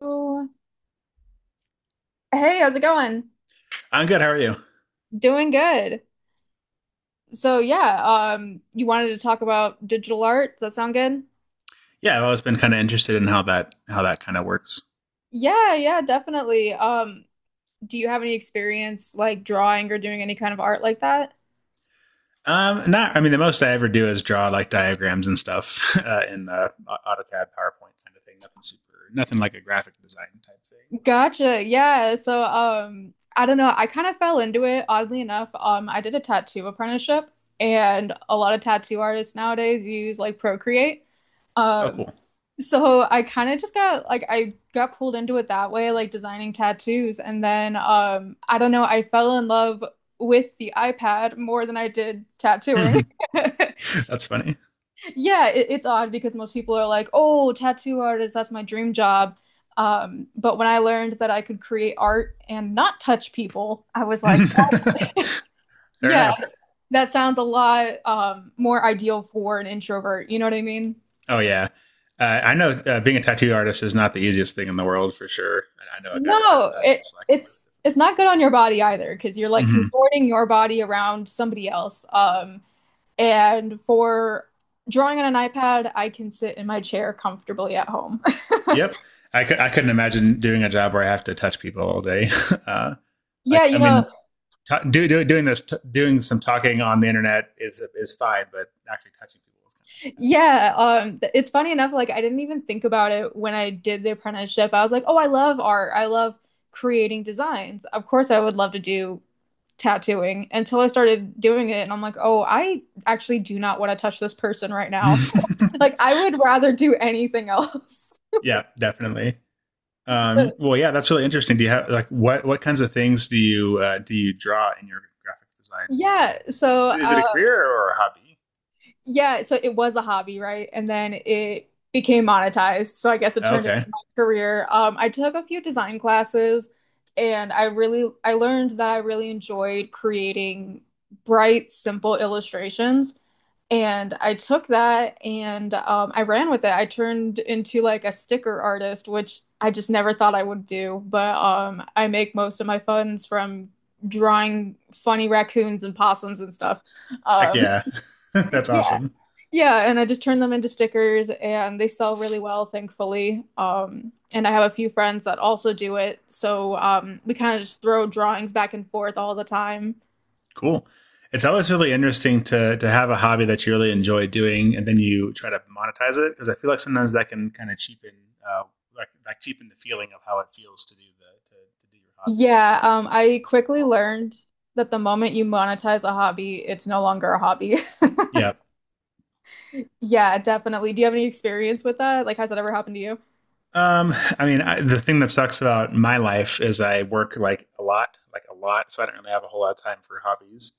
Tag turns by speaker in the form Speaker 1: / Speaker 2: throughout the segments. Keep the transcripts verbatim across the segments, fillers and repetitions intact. Speaker 1: Hello. Hey, how's it going?
Speaker 2: I'm good. How are you?
Speaker 1: Doing good. So yeah, um, you wanted to talk about digital art. Does that sound good?
Speaker 2: Yeah, I've always been kind of interested in how that how that kind of works.
Speaker 1: Yeah, yeah, definitely. Um, do you have any experience like drawing or doing any kind of art like that?
Speaker 2: Um, not, I mean, the most I ever do is draw like diagrams and stuff uh, in uh, AutoCAD, PowerPoint kind of thing. Nothing super, nothing like a graphic design type thing.
Speaker 1: Gotcha. Yeah. So um, I don't know. I kind of fell into it oddly enough. Um, I did a tattoo apprenticeship, and a lot of tattoo artists nowadays use like Procreate.
Speaker 2: But oh,
Speaker 1: Um,
Speaker 2: cool.
Speaker 1: So I kind of just got like I got pulled into it that way, like designing tattoos. And then um I don't know, I fell in love with the iPad more than I did tattooing.
Speaker 2: That's funny.
Speaker 1: Yeah, it, it's odd because most people are like, "Oh, tattoo artist, that's my dream job." Um, but when I learned that I could create art and not touch people, I was like,
Speaker 2: Fair
Speaker 1: "Yeah,
Speaker 2: enough.
Speaker 1: that sounds a lot um more ideal for an introvert." You know what I mean?
Speaker 2: Oh yeah, uh, I know uh, being a tattoo artist is not the easiest thing in the world for sure. And I know a guy that does
Speaker 1: No,
Speaker 2: that, and
Speaker 1: it
Speaker 2: it's like a really
Speaker 1: it's it's
Speaker 2: difficult.
Speaker 1: not good on your body either because you're like
Speaker 2: Mm-hmm.
Speaker 1: contorting your body around somebody else. Um, and for drawing on an iPad, I can sit in my chair comfortably at home.
Speaker 2: Yep, I, cu- I couldn't imagine doing a job where I have to touch people all day. uh,
Speaker 1: Yeah,
Speaker 2: like,
Speaker 1: you
Speaker 2: I
Speaker 1: know,
Speaker 2: mean, t- do, do, Doing this, t- doing some talking on the internet is is fine, but actually touching people is
Speaker 1: yeah. Um, th- it's funny enough, like I didn't even think about it when I did the apprenticeship. I was like, oh, I love art. I love creating designs. Of course, I would love to do tattooing until I started doing it, and I'm like, oh, I actually do not want to touch this person right
Speaker 2: kind
Speaker 1: now.
Speaker 2: of uh, no.
Speaker 1: Like I would rather do anything else.
Speaker 2: Yeah, definitely.
Speaker 1: So
Speaker 2: Um, well, yeah, that's really interesting. Do you have like what what kinds of things do you uh, do you draw in your graphic design?
Speaker 1: yeah, so
Speaker 2: Is it a
Speaker 1: uh
Speaker 2: career or a hobby?
Speaker 1: yeah, so it was a hobby, right? And then it became monetized. So I guess it
Speaker 2: Oh,
Speaker 1: turned into
Speaker 2: okay,
Speaker 1: my career. Um I took a few design classes and I really I learned that I really enjoyed creating bright, simple illustrations. And I took that and um, I ran with it. I turned into like a sticker artist, which I just never thought I would do. But um, I make most of my funds from drawing funny raccoons and possums and stuff.
Speaker 2: heck
Speaker 1: Um,
Speaker 2: yeah, that's
Speaker 1: yeah,
Speaker 2: awesome.
Speaker 1: yeah. And I just turn them into stickers and they sell really well, thankfully. Um, and I have a few friends that also do it. So um, we kind of just throw drawings back and forth all the time.
Speaker 2: Cool. It's always really interesting to to have a hobby that you really enjoy doing, and then you try to monetize it because I feel like sometimes that can kind of cheapen uh, like, like cheapen the feeling of how it feels to do the to, to do your hobby. Maybe
Speaker 1: Yeah,
Speaker 2: it might
Speaker 1: um,
Speaker 2: make it
Speaker 1: I
Speaker 2: less
Speaker 1: quickly
Speaker 2: enjoyable.
Speaker 1: learned that the moment you monetize a hobby, it's no longer a hobby.
Speaker 2: Yeah.
Speaker 1: Yeah, definitely. Do you have any experience with that? Like, has that ever happened to you?
Speaker 2: Um, I mean, I, the thing that sucks about my life is I work like a lot, like a lot, so I don't really have a whole lot of time for hobbies.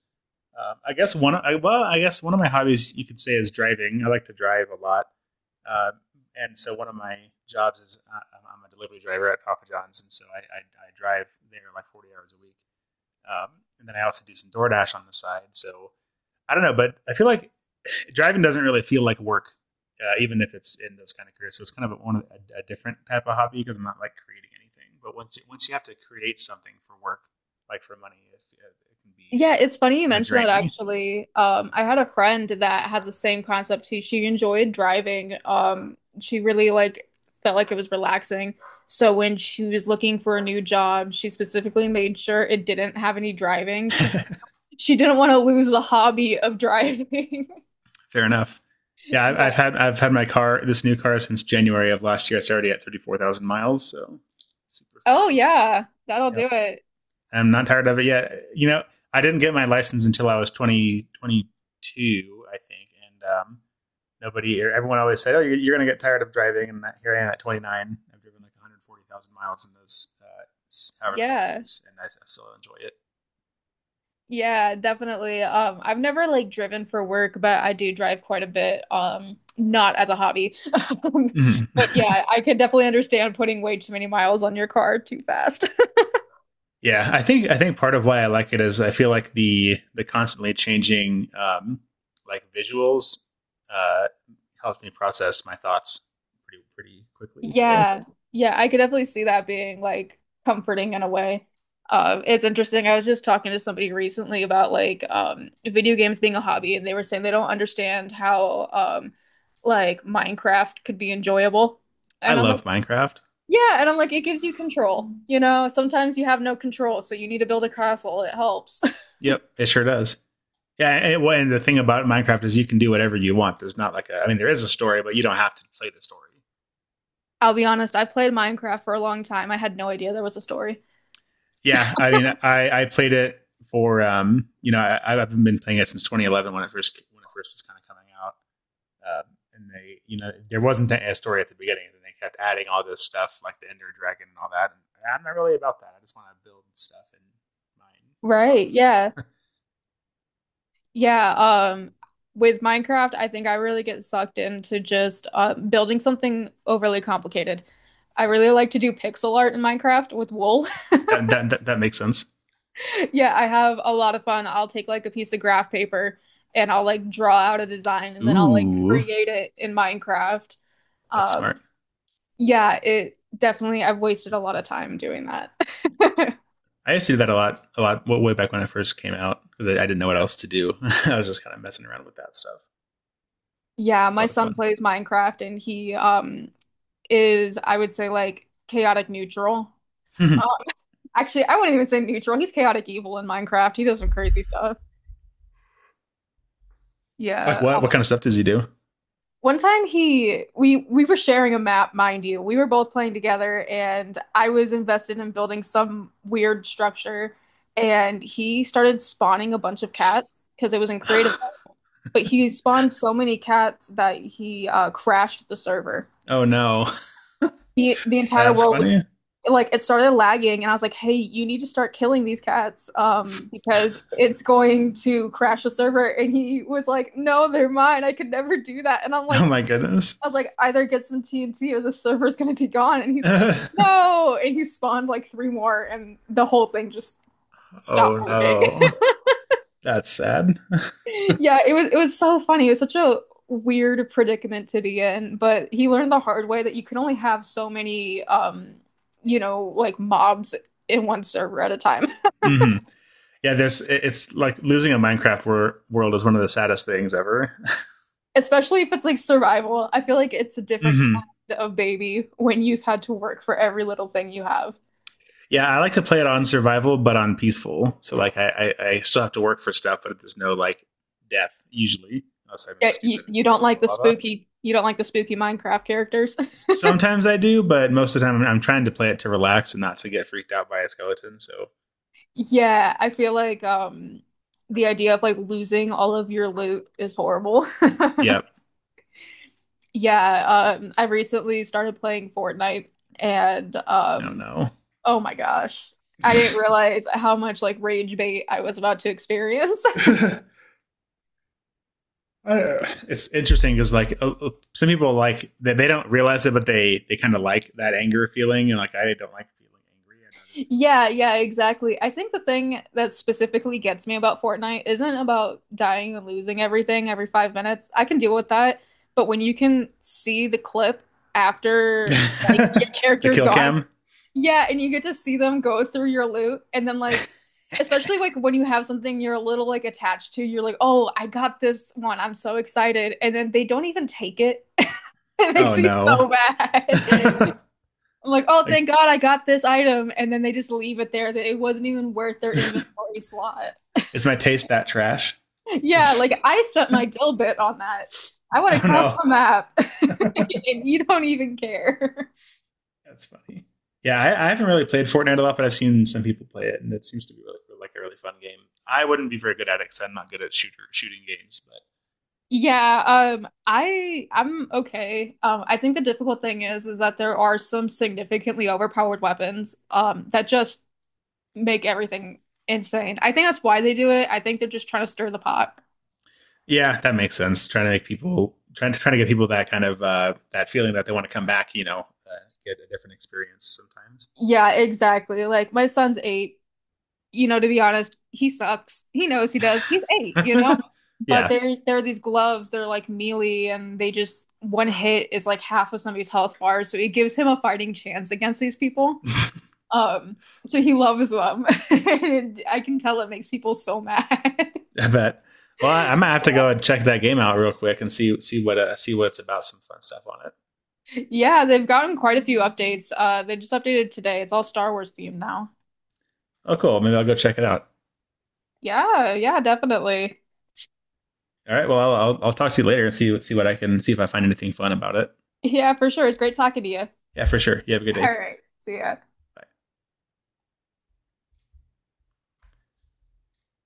Speaker 2: Um, I guess one, I, well, I guess one of my hobbies you could say is driving. I like to drive a lot. Uh, and so one of my jobs is uh, I'm- a delivery driver at Papa John's, and so I, I, I drive there like forty hours a week. Um, and then I also do some DoorDash on the side. So I don't know, but I feel like driving doesn't really feel like work, uh, even if it's in those kind of careers. So it's kind of one of a, a different type of hobby because I'm not like creating anything. But once you, once you have to create something for work, like for money, it, it can be
Speaker 1: Yeah, it's funny you
Speaker 2: kind of
Speaker 1: mentioned that
Speaker 2: draining.
Speaker 1: actually. Um, I had a friend that had the same concept too. She enjoyed driving. Um, she really like Felt like it was relaxing. So when she was looking for a new job, she specifically made sure it didn't have any driving because she didn't want to lose the hobby of driving.
Speaker 2: Fair enough. Yeah, I-
Speaker 1: Yeah.
Speaker 2: have had I've had my car, this new car, since January of last year. It's already at thirty four thousand miles, so super
Speaker 1: Oh
Speaker 2: fun.
Speaker 1: yeah, that'll do
Speaker 2: Yep,
Speaker 1: it.
Speaker 2: and I'm not tired of it yet. You know, I didn't get my license until I was twenty twenty two, I think, and um, nobody or everyone always said, "Oh, you're, you're going to get tired of driving," and here I am at twenty nine. I've driven like one hundred forty thousand miles in those uh, however many
Speaker 1: Yeah.
Speaker 2: years, and I, I still enjoy it.
Speaker 1: Yeah, definitely. Um, I've never like driven for work, but I do drive quite a bit. Um, not as a hobby. Um, but
Speaker 2: Mm-hmm.
Speaker 1: yeah, I can definitely understand putting way too many miles on your car too fast.
Speaker 2: Yeah, I think I think part of why I like it is I feel like the the constantly changing um, like visuals uh, helps me process my thoughts pretty pretty quickly. So
Speaker 1: Yeah. Yeah, I could definitely see that being like comforting in a way. Um, it's interesting. I was just talking to somebody recently about like um video games being a hobby, and they were saying they don't understand how um like Minecraft could be enjoyable.
Speaker 2: I
Speaker 1: And I'm
Speaker 2: love Minecraft.
Speaker 1: Yeah, and I'm like, it gives you control. You know, sometimes you have no control, so you need to build a castle. It helps.
Speaker 2: Yep, it sure does. Yeah, and, well, and the thing about Minecraft is you can do whatever you want. There's not like a, I mean, there is a story, but you don't have to play the story.
Speaker 1: I'll be honest, I played Minecraft for a long time. I had no idea there was a story.
Speaker 2: Yeah, I mean, I I played it for um, you know, I, I've been playing it since twenty eleven when it first when it first was kind of coming out. Um, and they, you know, there wasn't a story at the beginning, and then they kept adding all this stuff like the Ender Dragon and all that. And I'm not really about that. I just want to build stuff and mine
Speaker 1: Right,
Speaker 2: rocks.
Speaker 1: yeah. Yeah, um with Minecraft, I think I really get sucked into just uh, building something overly complicated. I really like to do pixel art in Minecraft with wool.
Speaker 2: that, that that that makes sense.
Speaker 1: Yeah, I have a lot of fun. I'll take like a piece of graph paper and I'll like draw out a design and then I'll like
Speaker 2: Ooh,
Speaker 1: create it in Minecraft.
Speaker 2: that's smart.
Speaker 1: Um Yeah, it definitely, I've wasted a lot of time doing that.
Speaker 2: I used to do that a lot, a lot, well, way back when I first came out because I, I didn't know what else to do. I was just kind of messing around with that stuff.
Speaker 1: Yeah,
Speaker 2: It was a
Speaker 1: my
Speaker 2: lot of
Speaker 1: son
Speaker 2: fun.
Speaker 1: plays Minecraft and he um is, I would say, like chaotic neutral. Um, Actually, I wouldn't even say neutral. He's chaotic evil in Minecraft. He does some crazy stuff.
Speaker 2: Like
Speaker 1: Yeah.
Speaker 2: what? What kind of stuff does he do?
Speaker 1: One time he we we were sharing a map, mind you. We were both playing together and I was invested in building some weird structure and he started spawning a bunch of cats because it was in creative, but he spawned so many cats that he uh, crashed the server.
Speaker 2: Oh no,
Speaker 1: The the entire
Speaker 2: that's
Speaker 1: world
Speaker 2: funny.
Speaker 1: like it started lagging and I was like, "Hey, you need to start killing these cats um because it's going to crash the server." And he was like, "No, they're mine. I could never do that." And I'm
Speaker 2: Oh
Speaker 1: like
Speaker 2: my goodness.
Speaker 1: I was like, "Either get some T N T or the server's going to be gone." And he's like,
Speaker 2: Oh
Speaker 1: "No." And he spawned like three more and the whole thing just stopped working.
Speaker 2: no, that's sad.
Speaker 1: Yeah, it was it was so funny. It was such a weird predicament to be in, but he learned the hard way that you can only have so many um, you know, like mobs in one server at a time.
Speaker 2: Mm-hmm. Yeah, there's it's like losing a Minecraft wor- world is one of the saddest things ever.
Speaker 1: Especially if it's like survival. I feel like it's a different
Speaker 2: Hmm.
Speaker 1: kind of baby when you've had to work for every little thing you have.
Speaker 2: Yeah, I like to play it on survival, but on peaceful. So like I, I I still have to work for stuff, but there's no like death usually, unless I'm
Speaker 1: Yeah, you,
Speaker 2: stupid and
Speaker 1: you
Speaker 2: fall
Speaker 1: don't
Speaker 2: into the
Speaker 1: like the
Speaker 2: lava.
Speaker 1: spooky you don't like the spooky Minecraft characters.
Speaker 2: Sometimes I do, but most of the time I'm trying to play it to relax and not to get freaked out by a skeleton. So
Speaker 1: Yeah, I feel like um the idea of like losing all of your loot is horrible.
Speaker 2: yeah,
Speaker 1: Yeah, um, I recently started playing Fortnite and
Speaker 2: no,
Speaker 1: um,
Speaker 2: no.
Speaker 1: oh my gosh, I didn't realize how much like rage bait I was about to experience.
Speaker 2: Uh, it's interesting because like uh, uh, some people like they, they don't realize it, but they they kind of like that anger feeling, and like I don't like feeling angry.
Speaker 1: Yeah, yeah, exactly. I think the thing that specifically gets me about Fortnite isn't about dying and losing everything every five minutes. I can deal with that, but when you can see the clip
Speaker 2: I'd
Speaker 1: after
Speaker 2: rather feel
Speaker 1: like
Speaker 2: not
Speaker 1: your
Speaker 2: angry. The
Speaker 1: character's
Speaker 2: kill
Speaker 1: gone.
Speaker 2: cam.
Speaker 1: Yeah, and you get to see them go through your loot and then like especially like when you have something you're a little like attached to, you're like, "Oh, I got this one. I'm so excited." And then they don't even take it. It makes
Speaker 2: Oh
Speaker 1: me
Speaker 2: no!
Speaker 1: so bad. I'm like, "Oh, thank
Speaker 2: Like
Speaker 1: God I got this item." And then they just leave it there that it wasn't even worth their inventory slot.
Speaker 2: is my taste that trash?
Speaker 1: Yeah,
Speaker 2: Oh
Speaker 1: like I spent my dill bit on that. I went across
Speaker 2: no!
Speaker 1: the map
Speaker 2: That's
Speaker 1: and you don't even care.
Speaker 2: funny. Yeah, I, I haven't really played Fortnite a lot, but I've seen some people play it, and it seems to be really like a really fun game. I wouldn't be very good at it because I'm not good at shooter shooting games, but
Speaker 1: Yeah, um, I I'm okay. Um, I think the difficult thing is is that there are some significantly overpowered weapons um that just make everything insane. I think that's why they do it. I think they're just trying to stir the pot.
Speaker 2: yeah, that makes sense. Trying to make people, trying to trying to get people that kind of uh, that feeling that they want to come back. You know, uh, get a different experience
Speaker 1: Yeah, exactly. Like my son's eight, you know, to be honest, he sucks. He knows he does. He's eight, you
Speaker 2: sometimes.
Speaker 1: know? But
Speaker 2: Yeah,
Speaker 1: there there are these gloves, they're like melee and they just one hit is like half of somebody's health bar, so it gives him a fighting chance against these people. Um, so he loves them. And I can tell it makes people so mad.
Speaker 2: I bet. Well, I, I might have to go and check that game out real quick and see see what uh, see what it's about. Some fun stuff on it.
Speaker 1: Yeah, they've gotten quite a few updates. Uh, they just updated today. It's all Star Wars themed now.
Speaker 2: Oh, cool. Maybe I'll go check it out.
Speaker 1: Yeah, yeah, definitely.
Speaker 2: All right. Well, I'll I'll, I'll talk to you later and see see what I can, see if I find anything fun about it.
Speaker 1: Yeah, for sure. It's great talking to you.
Speaker 2: Yeah, for sure. You have a good day.
Speaker 1: All
Speaker 2: Bye.
Speaker 1: right. See ya.